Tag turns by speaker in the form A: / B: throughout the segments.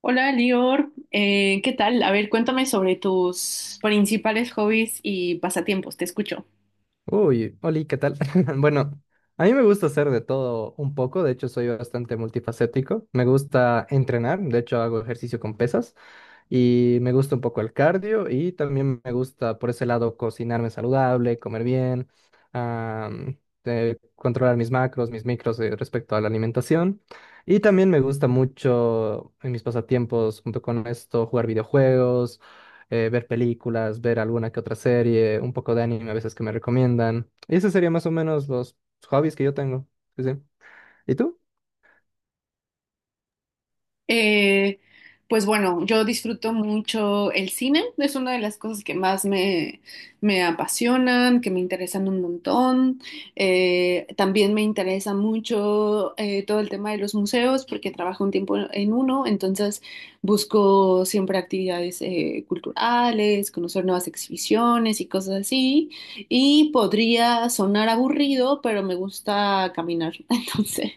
A: Hola, Lior. ¿Qué tal? A ver, cuéntame sobre tus principales hobbies y pasatiempos. Te escucho.
B: Uy, Oli, ¿qué tal? Bueno, a mí me gusta hacer de todo un poco, de hecho soy bastante multifacético. Me gusta entrenar, de hecho hago ejercicio con pesas. Y me gusta un poco el cardio y también me gusta por ese lado cocinarme saludable, comer bien, am, controlar mis macros, mis micros, respecto a la alimentación. Y también me gusta mucho en mis pasatiempos, junto con esto, jugar videojuegos, ver películas, ver alguna que otra serie, un poco de anime a veces que me recomiendan. Y ese sería más o menos los hobbies que yo tengo. Sí, sí. ¿Y tú?
A: Eh, pues bueno, yo disfruto mucho el cine, es una de las cosas que más me apasionan, que me interesan un montón. También me interesa mucho todo el tema de los museos, porque trabajo un tiempo en uno, entonces busco siempre actividades culturales, conocer nuevas exhibiciones y cosas así. Y podría sonar aburrido, pero me gusta caminar, entonces.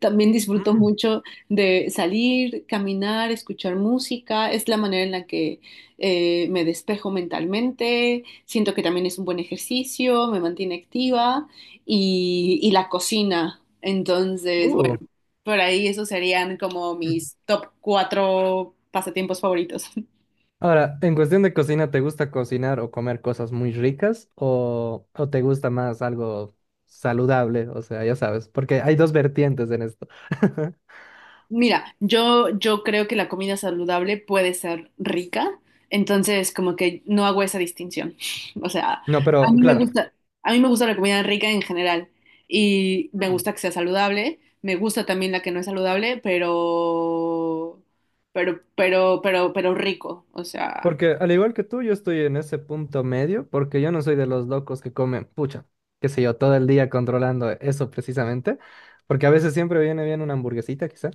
A: También disfruto mucho de salir, caminar, escuchar música. Es la manera en la que me despejo mentalmente. Siento que también es un buen ejercicio, me mantiene activa y la cocina. Entonces, bueno, por ahí esos serían como
B: Uh.
A: mis top cuatro pasatiempos favoritos.
B: Ahora, en cuestión de cocina, ¿te gusta cocinar o comer cosas muy ricas o te gusta más algo saludable? O sea, ya sabes, porque hay dos vertientes en esto.
A: Mira, yo creo que la comida saludable puede ser rica, entonces como que no hago esa distinción. O sea,
B: No,
A: a
B: pero
A: mí me
B: claro,
A: gusta, a mí me gusta la comida rica en general y me
B: Hmm.
A: gusta que sea saludable, me gusta también la que no es saludable, pero rico, o sea.
B: Porque al igual que tú, yo estoy en ese punto medio, porque yo no soy de los locos que comen, pucha, qué sé yo, todo el día controlando eso precisamente, porque a veces siempre viene bien una hamburguesita, quizá,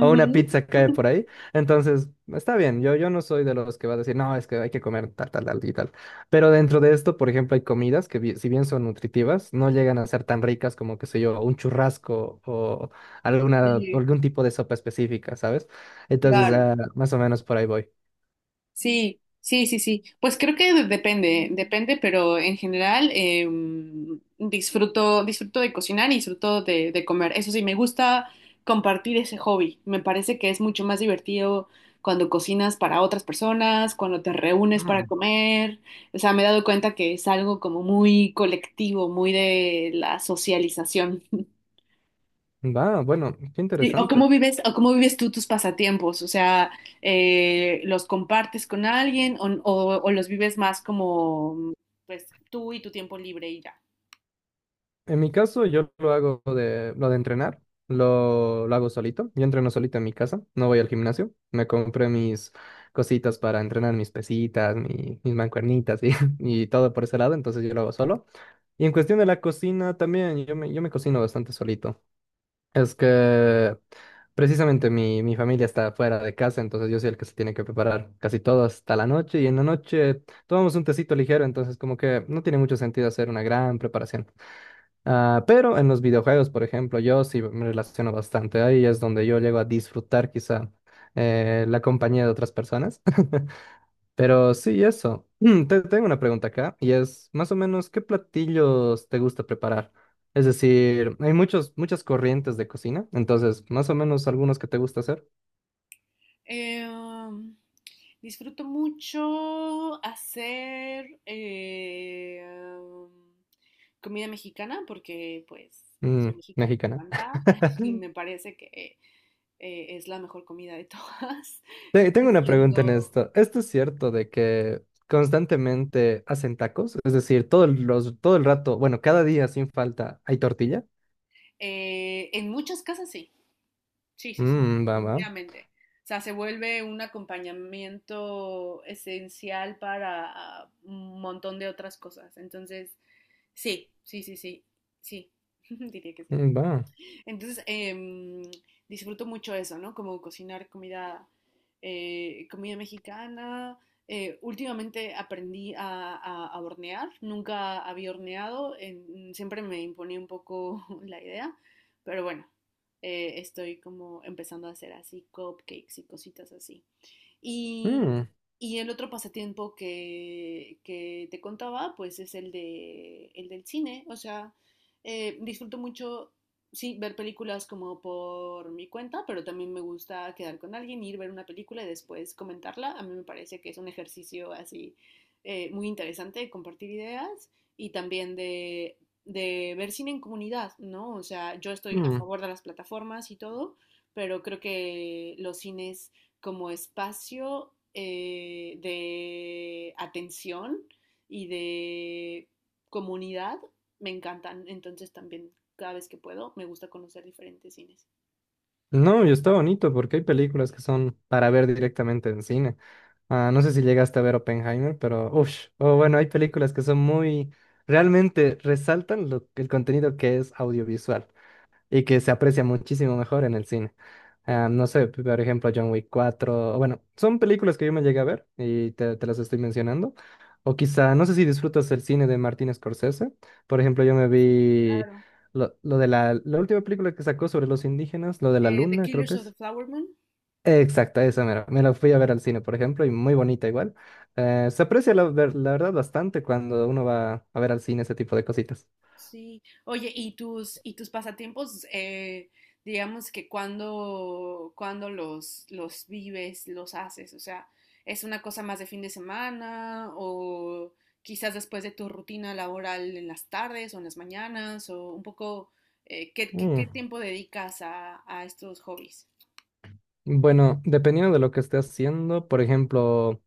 B: o una pizza cae por ahí. Entonces, está bien, yo no soy de los que va a decir, no, es que hay que comer tal, tal, tal y tal. Pero dentro de esto, por ejemplo, hay comidas que si bien son nutritivas, no llegan a ser tan ricas como, qué sé yo, un churrasco o
A: Sí,
B: algún tipo de sopa específica, ¿sabes? Entonces,
A: claro.
B: ah, más o menos por ahí voy.
A: Sí, sí, sí, sí. Pues creo que depende, depende, pero en general disfruto, disfruto de cocinar y disfruto de comer. Eso sí, me gusta compartir ese hobby. Me parece que es mucho más divertido cuando cocinas para otras personas, cuando te reúnes para
B: Mm.
A: comer. O sea, me he dado cuenta que es algo como muy colectivo, muy de la socialización.
B: Va, bueno, qué
A: Sí,
B: interesante.
A: o cómo vives tú tus pasatiempos, o sea, ¿los compartes con alguien o los vives más como, pues, tú y tu tiempo libre y ya?
B: En mi caso, yo lo hago de lo de entrenar, lo hago solito. Yo entreno solito en mi casa, no voy al gimnasio. Me compré mis cositas para entrenar, mis pesitas, mis mancuernitas y, y todo por ese lado, entonces yo lo hago solo. Y en cuestión de la cocina también, yo me cocino bastante solito. Es que precisamente mi familia está fuera de casa, entonces yo soy el que se tiene que preparar casi todo hasta la noche y en la noche tomamos un tecito ligero, entonces como que no tiene mucho sentido hacer una gran preparación. Ah, pero en los videojuegos, por ejemplo, yo sí me relaciono bastante. Ahí es donde yo llego a disfrutar quizá la compañía de otras personas. Pero sí, eso. Te tengo una pregunta acá y es más o menos ¿qué platillos te gusta preparar? Es decir, muchas corrientes de cocina, entonces más o menos algunos que te gusta hacer.
A: Eh, Disfruto mucho hacer comida mexicana porque, pues,
B: Mm,
A: soy mexicana, me
B: mexicana.
A: encanta y me parece que es la mejor comida de todas. Lo
B: Tengo una pregunta en
A: haciendo,
B: esto. ¿Esto es cierto de que constantemente hacen tacos? Es decir, todo el rato, bueno, cada día sin falta, ¿hay tortilla?
A: en muchas casas sí. Sí, sí, sí,
B: Mmm, va, va,
A: definitivamente. O sea, se vuelve un acompañamiento esencial para ah, un montón de otras cosas. Entonces, sí, sí, sí, sí, sí, diría que sí.
B: mm, va.
A: Entonces, disfruto mucho eso, ¿no? Como cocinar comida, comida mexicana. Últimamente aprendí a hornear, nunca había horneado, siempre me imponía un poco la idea, pero bueno, estoy como empezando a hacer así cupcakes y cositas así. Y,
B: Mm,
A: y el otro pasatiempo que te contaba, pues es el el del cine. O sea, disfruto mucho, sí, ver películas como por mi cuenta, pero también me gusta quedar con alguien, ir a ver una película y después comentarla. A mí me parece que es un ejercicio así muy interesante de compartir ideas y también de ver cine en comunidad, ¿no? O sea, yo estoy a
B: mm.
A: favor de las plataformas y todo, pero creo que los cines como espacio de atención y de comunidad me encantan. Entonces también cada vez que puedo me gusta conocer diferentes cines.
B: No, y está bonito porque hay películas que son para ver directamente en cine. Ah, no sé si llegaste a ver Oppenheimer, pero uff, o bueno, hay películas que son muy, realmente resaltan el contenido que es audiovisual, y que se aprecia muchísimo mejor en el cine. Ah, no sé, por ejemplo, John Wick 4, bueno, son películas que yo me llegué a ver y te las estoy mencionando. O quizá, no sé si disfrutas el cine de Martin Scorsese. Por ejemplo, yo me
A: Sí,
B: vi
A: claro.
B: la última película que sacó sobre los indígenas, lo de la
A: The
B: luna, creo
A: Killers
B: que
A: of the
B: es.
A: Flower Moon.
B: Exacto, esa mera. Me la fui a ver al cine, por ejemplo, y muy bonita igual. Se aprecia la, la verdad bastante cuando uno va a ver al cine ese tipo de cositas.
A: Sí. Oye, y tus pasatiempos, digamos que cuando, cuando los vives, los haces? O sea, ¿es una cosa más de fin de semana o quizás después de tu rutina laboral en las tardes o en las mañanas o un poco, qué,
B: Mm.
A: qué tiempo dedicas a estos hobbies?
B: Bueno, dependiendo de lo que esté haciendo, por ejemplo,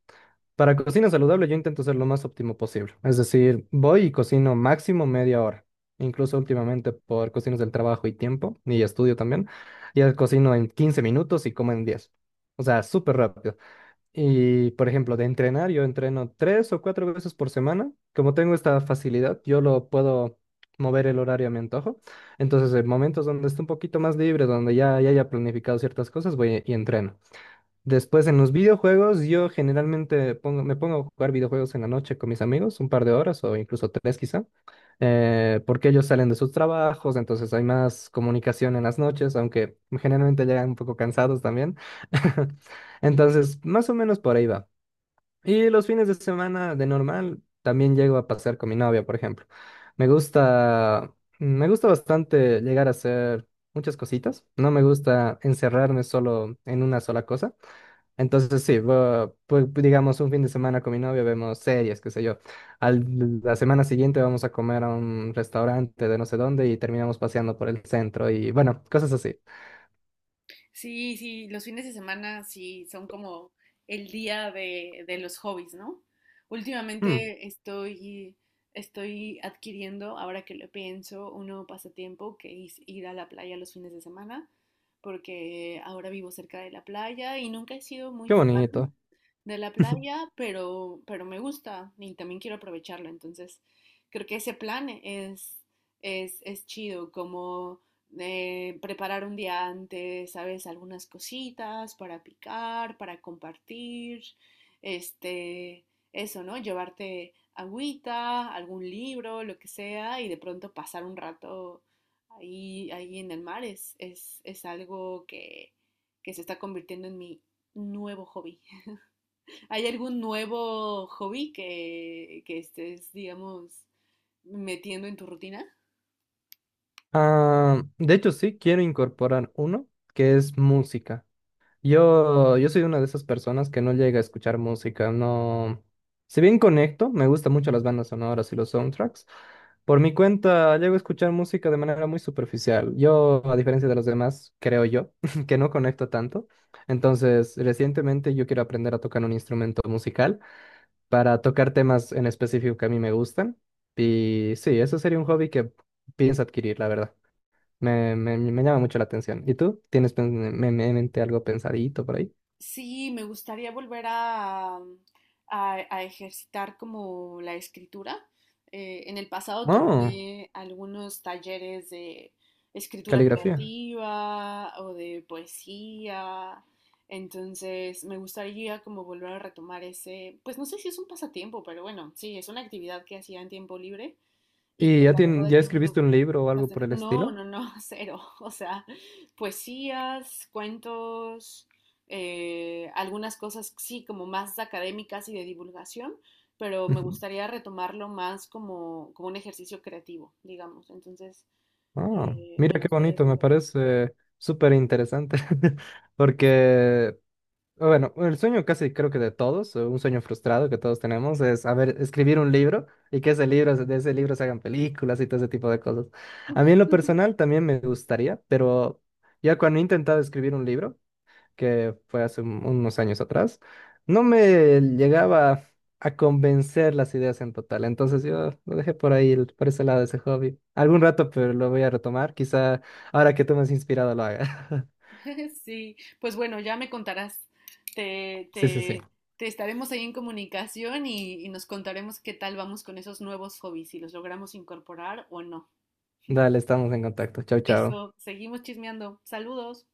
B: para cocina saludable yo intento ser lo más óptimo posible. Es decir, voy y cocino máximo media hora. Incluso últimamente por cuestiones del trabajo y tiempo, y estudio también, ya cocino en 15 minutos y como en 10. O sea, súper rápido. Y, por ejemplo, de entrenar, yo entreno tres o cuatro veces por semana. Como tengo esta facilidad, yo lo puedo mover el horario a mi antojo. Entonces, en momentos donde esté un poquito más libre, donde ya haya planificado ciertas cosas, voy y entreno. Después en los videojuegos, me pongo a jugar videojuegos en la noche con mis amigos, un par de horas o incluso tres quizá, porque ellos salen de sus trabajos, entonces hay más comunicación en las noches, aunque generalmente llegan un poco cansados también. Entonces, más o menos por ahí va. Y los fines de semana de normal también llego a pasar con mi novia, por ejemplo. Me gusta, me gusta bastante llegar a hacer muchas cositas. No me gusta encerrarme solo en una sola cosa. Entonces sí, pues digamos un fin de semana con mi novia vemos series, qué sé yo. La semana siguiente vamos a comer a un restaurante de no sé dónde y terminamos paseando por el centro y bueno, cosas así.
A: Sí, sí, los fines de semana sí son como el día de los hobbies, ¿no?
B: Mm,
A: Últimamente estoy adquiriendo, ahora que lo pienso, un nuevo pasatiempo que es ir a la playa los fines de semana, porque ahora vivo cerca de la playa y nunca he sido muy
B: qué bonito.
A: fan de la playa, pero me gusta y también quiero aprovecharlo. Entonces, creo que ese plan es chido, como preparar un día antes, ¿sabes? Algunas cositas para picar, para compartir, este, eso, ¿no? Llevarte agüita, algún libro, lo que sea, y de pronto pasar un rato ahí, ahí en el mar es algo que se está convirtiendo en mi nuevo hobby. ¿Hay algún nuevo hobby que estés, digamos, metiendo en tu rutina?
B: Ah, de hecho sí, quiero incorporar uno que es música. Yo soy una de esas personas que no llega a escuchar música, no. Si bien conecto, me gustan mucho las bandas sonoras y los soundtracks. Por mi cuenta, llego a escuchar música de manera muy superficial. Yo, a diferencia de los demás, creo yo, que no conecto tanto. Entonces, recientemente yo quiero aprender a tocar un instrumento musical para tocar temas en específico que a mí me gustan. Y sí, eso sería un hobby que pienso adquirir, la verdad. Me llama mucho la atención. ¿Y tú? ¿Tienes en mente algo pensadito por ahí?
A: Sí, me gustaría volver a, mm, a ejercitar como la escritura. En el pasado
B: Oh,
A: tomé algunos talleres de escritura
B: caligrafía.
A: creativa o de poesía. Entonces, me gustaría como volver a retomar ese, pues no sé si es un pasatiempo, pero bueno, sí, es una actividad que hacía en tiempo libre y que
B: ¿Y ya,
A: la verdad he
B: ya
A: tenido
B: escribiste un libro o algo por
A: bastante.
B: el
A: No,
B: estilo?
A: no, no, cero. O sea, poesías, cuentos, algunas cosas, sí, como más académicas y de divulgación, pero me
B: Ujú.
A: gustaría retomarlo más como, como un ejercicio creativo, digamos. Entonces,
B: Oh,
A: me
B: mira qué
A: gustaría
B: bonito, me
A: volver a eso.
B: parece súper interesante. Porque, bueno, el sueño casi creo que de todos, un sueño frustrado que todos tenemos, es, a ver, escribir un libro y que ese libro, de ese libro se hagan películas y todo ese tipo de cosas. A mí en lo personal también me gustaría, pero ya cuando he intentado escribir un libro, que fue hace unos años atrás, no me llegaba a convencer las ideas en total. Entonces yo lo dejé por ahí, por ese lado de ese hobby. Algún rato, pero lo voy a retomar. Quizá ahora que tú me has inspirado lo haga.
A: Sí, pues bueno, ya me contarás. Te,
B: Sí, sí, sí.
A: te, te estaremos ahí en comunicación y nos contaremos qué tal vamos con esos nuevos hobbies, si los logramos incorporar o no.
B: Dale, estamos en contacto. Chau, chau.
A: Eso, seguimos chismeando. Saludos.